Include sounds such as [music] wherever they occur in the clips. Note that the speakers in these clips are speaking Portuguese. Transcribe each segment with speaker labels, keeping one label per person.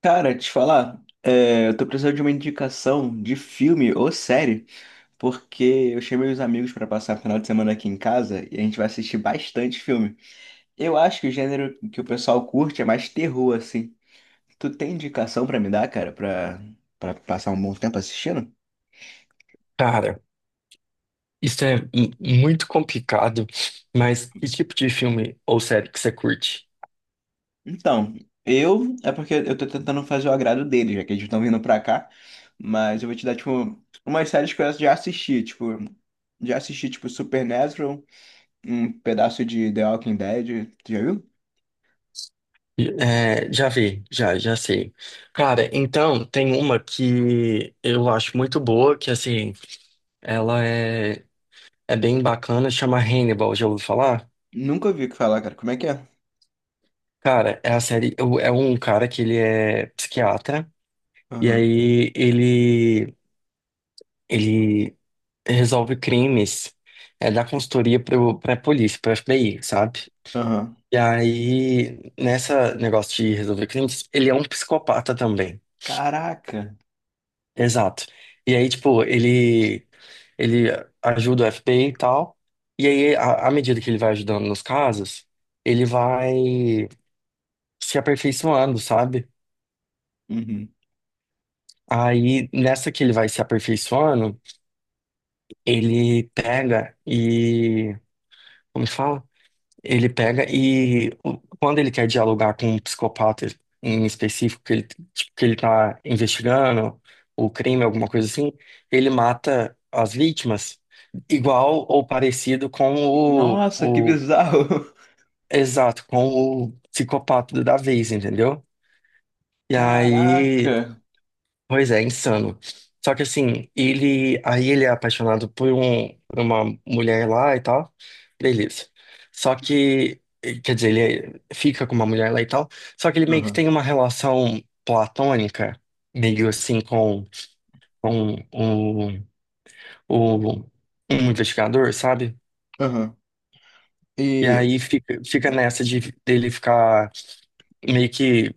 Speaker 1: Cara, te falar, eu tô precisando de uma indicação de filme ou série, porque eu chamei os amigos pra passar o final de semana aqui em casa e a gente vai assistir bastante filme. Eu acho que o gênero que o pessoal curte é mais terror, assim. Tu tem indicação pra me dar, cara, pra passar um bom tempo assistindo?
Speaker 2: Cara, isso é muito complicado, mas que tipo de filme ou série que você curte?
Speaker 1: Então, eu é porque eu tô tentando fazer o agrado deles, já que eles estão vindo pra cá, mas eu vou te dar, tipo, umas séries que eu já assisti, tipo, Supernatural. Um pedaço de The Walking Dead. Tu já viu?
Speaker 2: É, já vi, já sei. Cara, então, tem uma que eu acho muito boa, que assim, ela é, é bem bacana, chama Hannibal, já ouviu falar?
Speaker 1: Nunca ouvi falar, cara. Como é que é?
Speaker 2: Cara, é a série, é um cara que ele é psiquiatra, e
Speaker 1: Aham.
Speaker 2: ele resolve crimes, é, da consultoria pra polícia, pro FBI, sabe?
Speaker 1: Aham.
Speaker 2: E aí, nessa negócio de resolver crimes, ele é um psicopata também.
Speaker 1: Caraca.
Speaker 2: Exato. E aí, tipo, ele ajuda o FBI e tal. E aí, à medida que ele vai ajudando nos casos, ele vai se aperfeiçoando, sabe?
Speaker 1: Uhum.
Speaker 2: Aí, nessa que ele vai se aperfeiçoando, ele pega e. Como que fala? Ele pega quando ele quer dialogar com um psicopata em específico, que ele tá investigando o crime, alguma coisa assim, ele mata as vítimas igual ou parecido com
Speaker 1: Nossa, que
Speaker 2: o
Speaker 1: bizarro. [laughs]
Speaker 2: exato, com o psicopata da vez, entendeu? E aí
Speaker 1: Caraca.
Speaker 2: pois é, insano. Só que assim, ele é apaixonado por uma mulher lá e tal. Beleza. Só que, quer dizer, ele fica com uma mulher lá e tal. Só que ele meio que
Speaker 1: Aham.
Speaker 2: tem uma relação platônica, meio assim, com o, o, um investigador, sabe?
Speaker 1: Aham.
Speaker 2: E
Speaker 1: E.
Speaker 2: aí fica nessa de dele ficar meio que,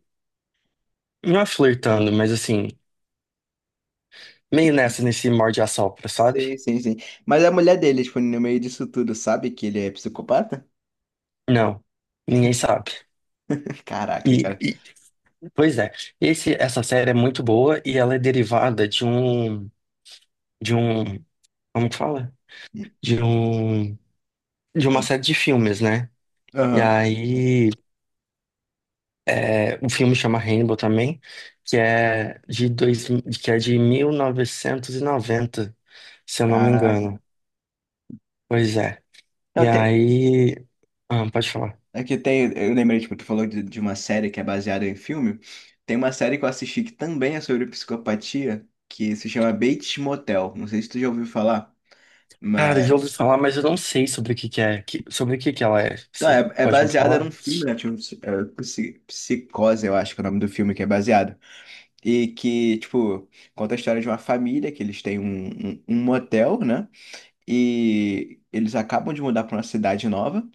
Speaker 2: não é flertando, mas assim, nesse morde-a-sopra, sabe?
Speaker 1: Sim, sim, sim. Mas a mulher dele, tipo, no meio disso tudo, sabe que ele é psicopata?
Speaker 2: Não, ninguém
Speaker 1: [laughs]
Speaker 2: sabe.
Speaker 1: Caraca,
Speaker 2: E,
Speaker 1: cara.
Speaker 2: e- pois é, essa série é muito boa e ela é derivada de um, como que fala? De um, de uma série de filmes, né? E
Speaker 1: Aham.
Speaker 2: aí, é, o filme chama Rainbow também, que é de dois, que é de 1990 se eu não me
Speaker 1: Caraca.
Speaker 2: engano. Pois é. E
Speaker 1: Não, tem.
Speaker 2: aí, ah, pode falar.
Speaker 1: É que tem, eu lembrei, tipo, tu falou de uma série que é baseada em filme. Tem uma série que eu assisti que também é sobre psicopatia, que se chama Bates Motel. Não sei se tu já ouviu falar,
Speaker 2: Cara, eu
Speaker 1: mas.
Speaker 2: ouvi falar, mas eu não sei sobre o que que é, sobre o que que ela é.
Speaker 1: Tá,
Speaker 2: Você
Speaker 1: é, é
Speaker 2: pode me
Speaker 1: baseada num
Speaker 2: falar?
Speaker 1: filme, né? Tipo, é, Psicose, eu acho que é o nome do filme que é baseado. E que, tipo, conta a história de uma família, que eles têm um, um motel, né? E eles acabam de mudar pra uma cidade nova.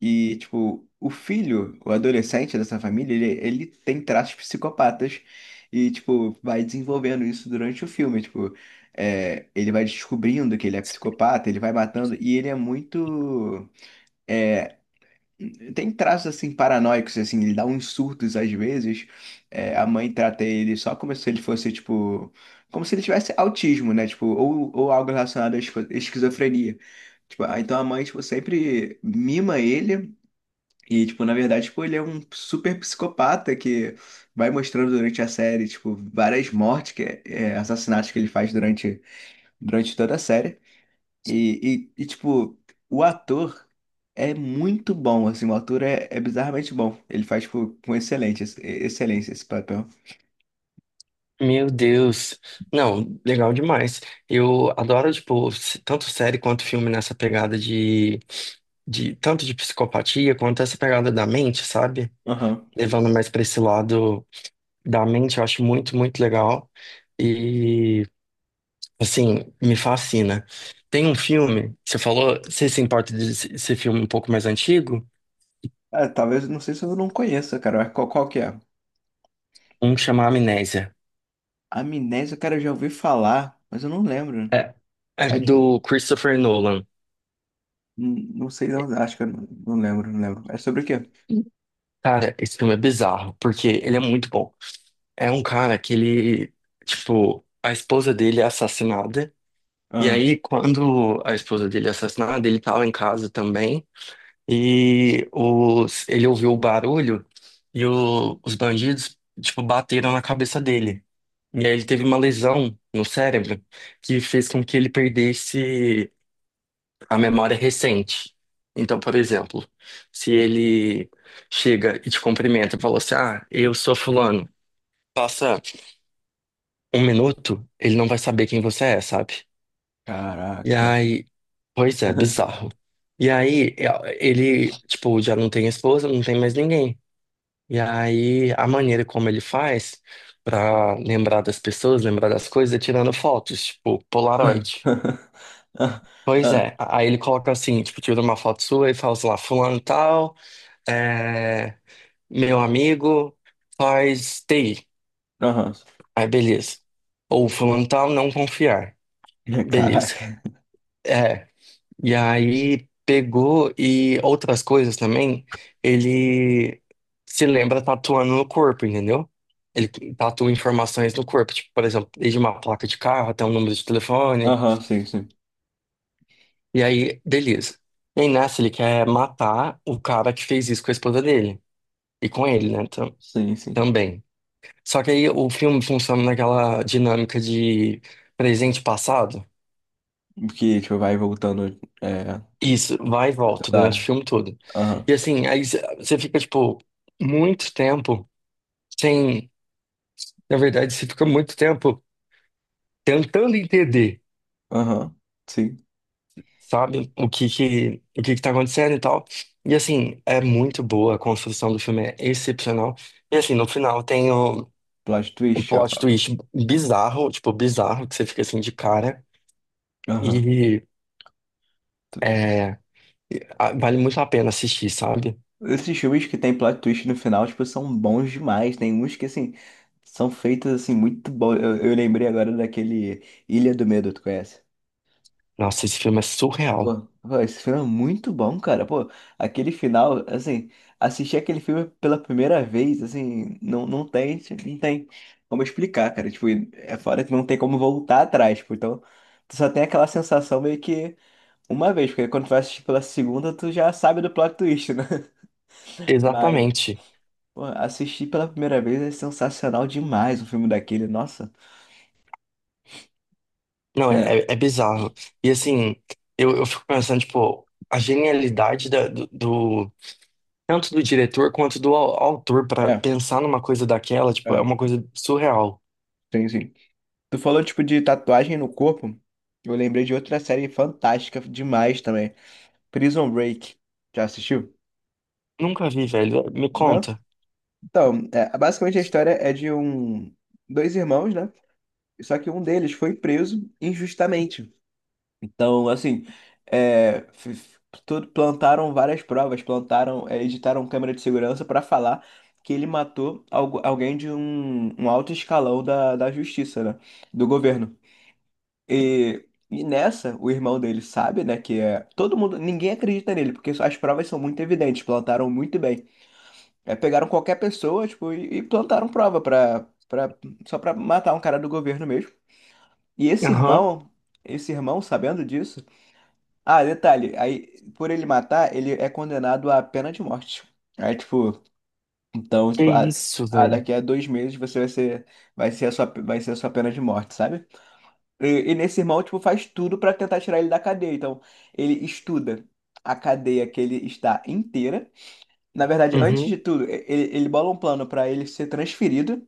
Speaker 1: E, tipo, o filho, o adolescente dessa família, ele tem traços psicopatas e, tipo, vai desenvolvendo isso durante o filme. Tipo, é, ele vai descobrindo que ele é psicopata, ele vai matando e ele é muito. Tem traços, assim, paranoicos, assim, ele dá uns surtos às vezes. É, a mãe trata ele só como se ele fosse, tipo. Como se ele tivesse autismo, né? Tipo, ou algo relacionado à esquizofrenia. Tipo, ah, então a mãe, tipo, sempre mima ele e, tipo, na verdade, tipo, ele é um super psicopata que vai mostrando durante a série, tipo, várias mortes, que é, é, assassinatos que ele faz durante, durante toda a série. Tipo, o ator é muito bom, assim, o ator é, é bizarramente bom. Ele faz, tipo, com excelente, excelência esse papel.
Speaker 2: Meu Deus. Não, legal demais. Eu adoro, tipo, tanto série quanto filme nessa pegada de tanto de psicopatia quanto essa pegada da mente, sabe?
Speaker 1: Aham.
Speaker 2: Levando mais pra esse lado da mente, eu acho muito, muito legal. E, assim, me fascina. Tem um filme, você falou, você se importa desse filme um pouco mais antigo?
Speaker 1: Ah, talvez, não sei se eu não conheça, cara, mas qual, qual que é?
Speaker 2: Um que chama Amnésia.
Speaker 1: Amnésia, cara, eu já ouvi falar, mas eu não lembro.
Speaker 2: É, é
Speaker 1: É de-
Speaker 2: do Christopher Nolan.
Speaker 1: não não sei, não, acho que eu não, não lembro, não lembro. É sobre o quê?
Speaker 2: Cara, esse filme é bizarro, porque ele é muito bom. É um cara que a esposa dele é assassinada. E aí, quando a esposa dele é assassinada, ele tava em casa também. E ele ouviu o barulho os bandidos, tipo, bateram na cabeça dele. E aí ele teve uma lesão no cérebro que fez com que ele perdesse a memória recente. Então, por exemplo, se ele chega e te cumprimenta e fala assim, ah, eu sou fulano. Passa um minuto, ele não vai saber quem você é, sabe? E
Speaker 1: Caraca.
Speaker 2: aí, pois é,
Speaker 1: [laughs]
Speaker 2: bizarro. E aí, é, ele, tipo, já não tem esposa, não tem mais ninguém. E aí, a maneira como ele faz pra lembrar das pessoas, lembrar das coisas, é tirando fotos, tipo, Polaroid.
Speaker 1: Ah,
Speaker 2: Pois
Speaker 1: ah.
Speaker 2: é, aí ele coloca assim, tipo, tira uma foto sua e fala, sei lá, fulano tal, é, meu amigo, faz TI.
Speaker 1: Aham.
Speaker 2: Aí, beleza. Ou fulano tal, não confiar.
Speaker 1: [laughs]
Speaker 2: Beleza.
Speaker 1: Caraca.
Speaker 2: É. E aí pegou e outras coisas também, ele se lembra tatuando no corpo, entendeu? Ele tatua informações no corpo, tipo, por exemplo, desde uma placa de carro até um número de telefone.
Speaker 1: Aham, sim, sim.
Speaker 2: E aí, beleza. E aí nessa ele quer matar o cara que fez isso com a esposa dele. E com ele, né?
Speaker 1: Sim, sim.
Speaker 2: Também. Só que aí o filme funciona naquela dinâmica de presente e passado.
Speaker 1: Que, tipo, vai voltando, é,
Speaker 2: Isso, vai e volta
Speaker 1: toda
Speaker 2: durante o
Speaker 1: hora.
Speaker 2: filme todo.
Speaker 1: Aham,
Speaker 2: E assim, você fica, tipo, muito tempo sem. Na verdade, você fica muito tempo tentando entender,
Speaker 1: aham, sim.
Speaker 2: sabe, o que que tá acontecendo e tal. E assim, é muito boa, a construção do filme é excepcional. E assim, no final
Speaker 1: Plot
Speaker 2: um
Speaker 1: twist, ó.
Speaker 2: plot twist bizarro, tipo, bizarro, que você fica assim de cara.
Speaker 1: Aham.
Speaker 2: E
Speaker 1: Tu.
Speaker 2: é, vale muito a pena assistir, sabe?
Speaker 1: Esses filmes que tem plot twist no final, tipo, são bons demais. Tem uns que, assim, são feitos, assim, muito bons. Eu lembrei agora daquele Ilha do Medo, tu conhece?
Speaker 2: Nossa, esse filme é surreal.
Speaker 1: Pô, esse filme é muito bom, cara. Pô, aquele final, assim, assistir aquele filme pela primeira vez, assim, não tem, não tem como explicar, cara. Tipo, é fora que não tem como voltar atrás, tipo, então tu só tem aquela sensação meio que uma vez, porque quando tu vai assistir pela segunda, tu já sabe do plot twist, né? [laughs] Mas,
Speaker 2: Exatamente.
Speaker 1: pô, assistir pela primeira vez é sensacional demais o filme daquele, nossa.
Speaker 2: Não,
Speaker 1: É,
Speaker 2: é, é é bizarro. E assim, eu fico pensando, tipo, a genialidade tanto do diretor quanto do autor pra
Speaker 1: é,
Speaker 2: pensar numa coisa daquela, tipo, é
Speaker 1: é,
Speaker 2: uma coisa surreal.
Speaker 1: sim, sim. Tu falou, tipo, de tatuagem no corpo. Eu lembrei de outra série fantástica demais também. Prison Break. Já assistiu?
Speaker 2: Nunca vi, velho. Me
Speaker 1: Não?
Speaker 2: conta.
Speaker 1: Então, é, basicamente a história é de um... Dois irmãos, né? Só que um deles foi preso injustamente. Então, assim, é, plantaram várias provas, plantaram, é, editaram câmera de segurança para falar que ele matou alguém de um, um alto escalão da justiça, né? Do governo. E nessa, o irmão dele sabe, né, que é... Todo mundo, ninguém acredita nele, porque as provas são muito evidentes, plantaram muito bem. É, pegaram qualquer pessoa, tipo, e plantaram prova só pra matar um cara do governo mesmo. E
Speaker 2: Aham.
Speaker 1: esse irmão, sabendo disso... Ah, detalhe, aí, por ele matar, ele é condenado à pena de morte. Aí, tipo, então,
Speaker 2: Que
Speaker 1: tipo, ah,
Speaker 2: isso,
Speaker 1: ah,
Speaker 2: velho.
Speaker 1: daqui a 2 meses você vai ser a sua, vai ser a sua pena de morte, sabe? E, e nesse irmão, tipo, faz tudo pra tentar tirar ele da cadeia. Então, ele estuda a cadeia que ele está inteira. Na verdade, antes
Speaker 2: Uhum.
Speaker 1: de tudo, ele, ele bola um plano pra ele ser transferido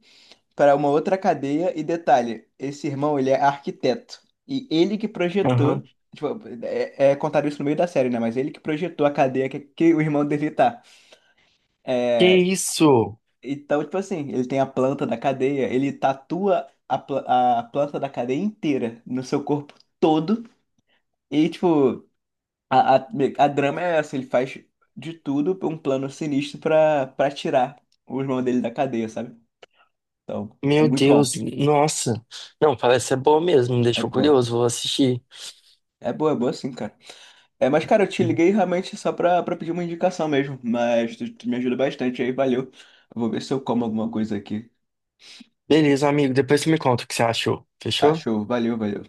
Speaker 1: para uma outra cadeia. E detalhe, esse irmão, ele é arquiteto. E ele que projetou,
Speaker 2: Aham.
Speaker 1: tipo, é, é contado isso no meio da série, né? Mas ele que projetou a cadeia que o irmão dele tá.
Speaker 2: Que
Speaker 1: É,
Speaker 2: isso?
Speaker 1: então, tipo assim, ele tem a planta da cadeia, ele tatua a, a planta da cadeia inteira no seu corpo todo. E, tipo, a, a, a drama é essa, ele faz de tudo pra um plano sinistro pra tirar o irmão dele da cadeia, sabe? Então, é
Speaker 2: Meu
Speaker 1: muito bom.
Speaker 2: Deus, nossa. Não, parece ser boa mesmo. Me
Speaker 1: É
Speaker 2: deixou
Speaker 1: boa.
Speaker 2: curioso, vou assistir.
Speaker 1: É boa, é boa sim, cara. É, mas, cara, eu te
Speaker 2: Hum.
Speaker 1: liguei realmente só pra pedir uma indicação mesmo. Mas tu, tu me ajuda bastante aí, valeu. Eu vou ver se eu como alguma coisa aqui.
Speaker 2: Beleza, amigo. Depois você me conta o que você achou.
Speaker 1: Tá
Speaker 2: Fechou?
Speaker 1: show, valeu, valeu.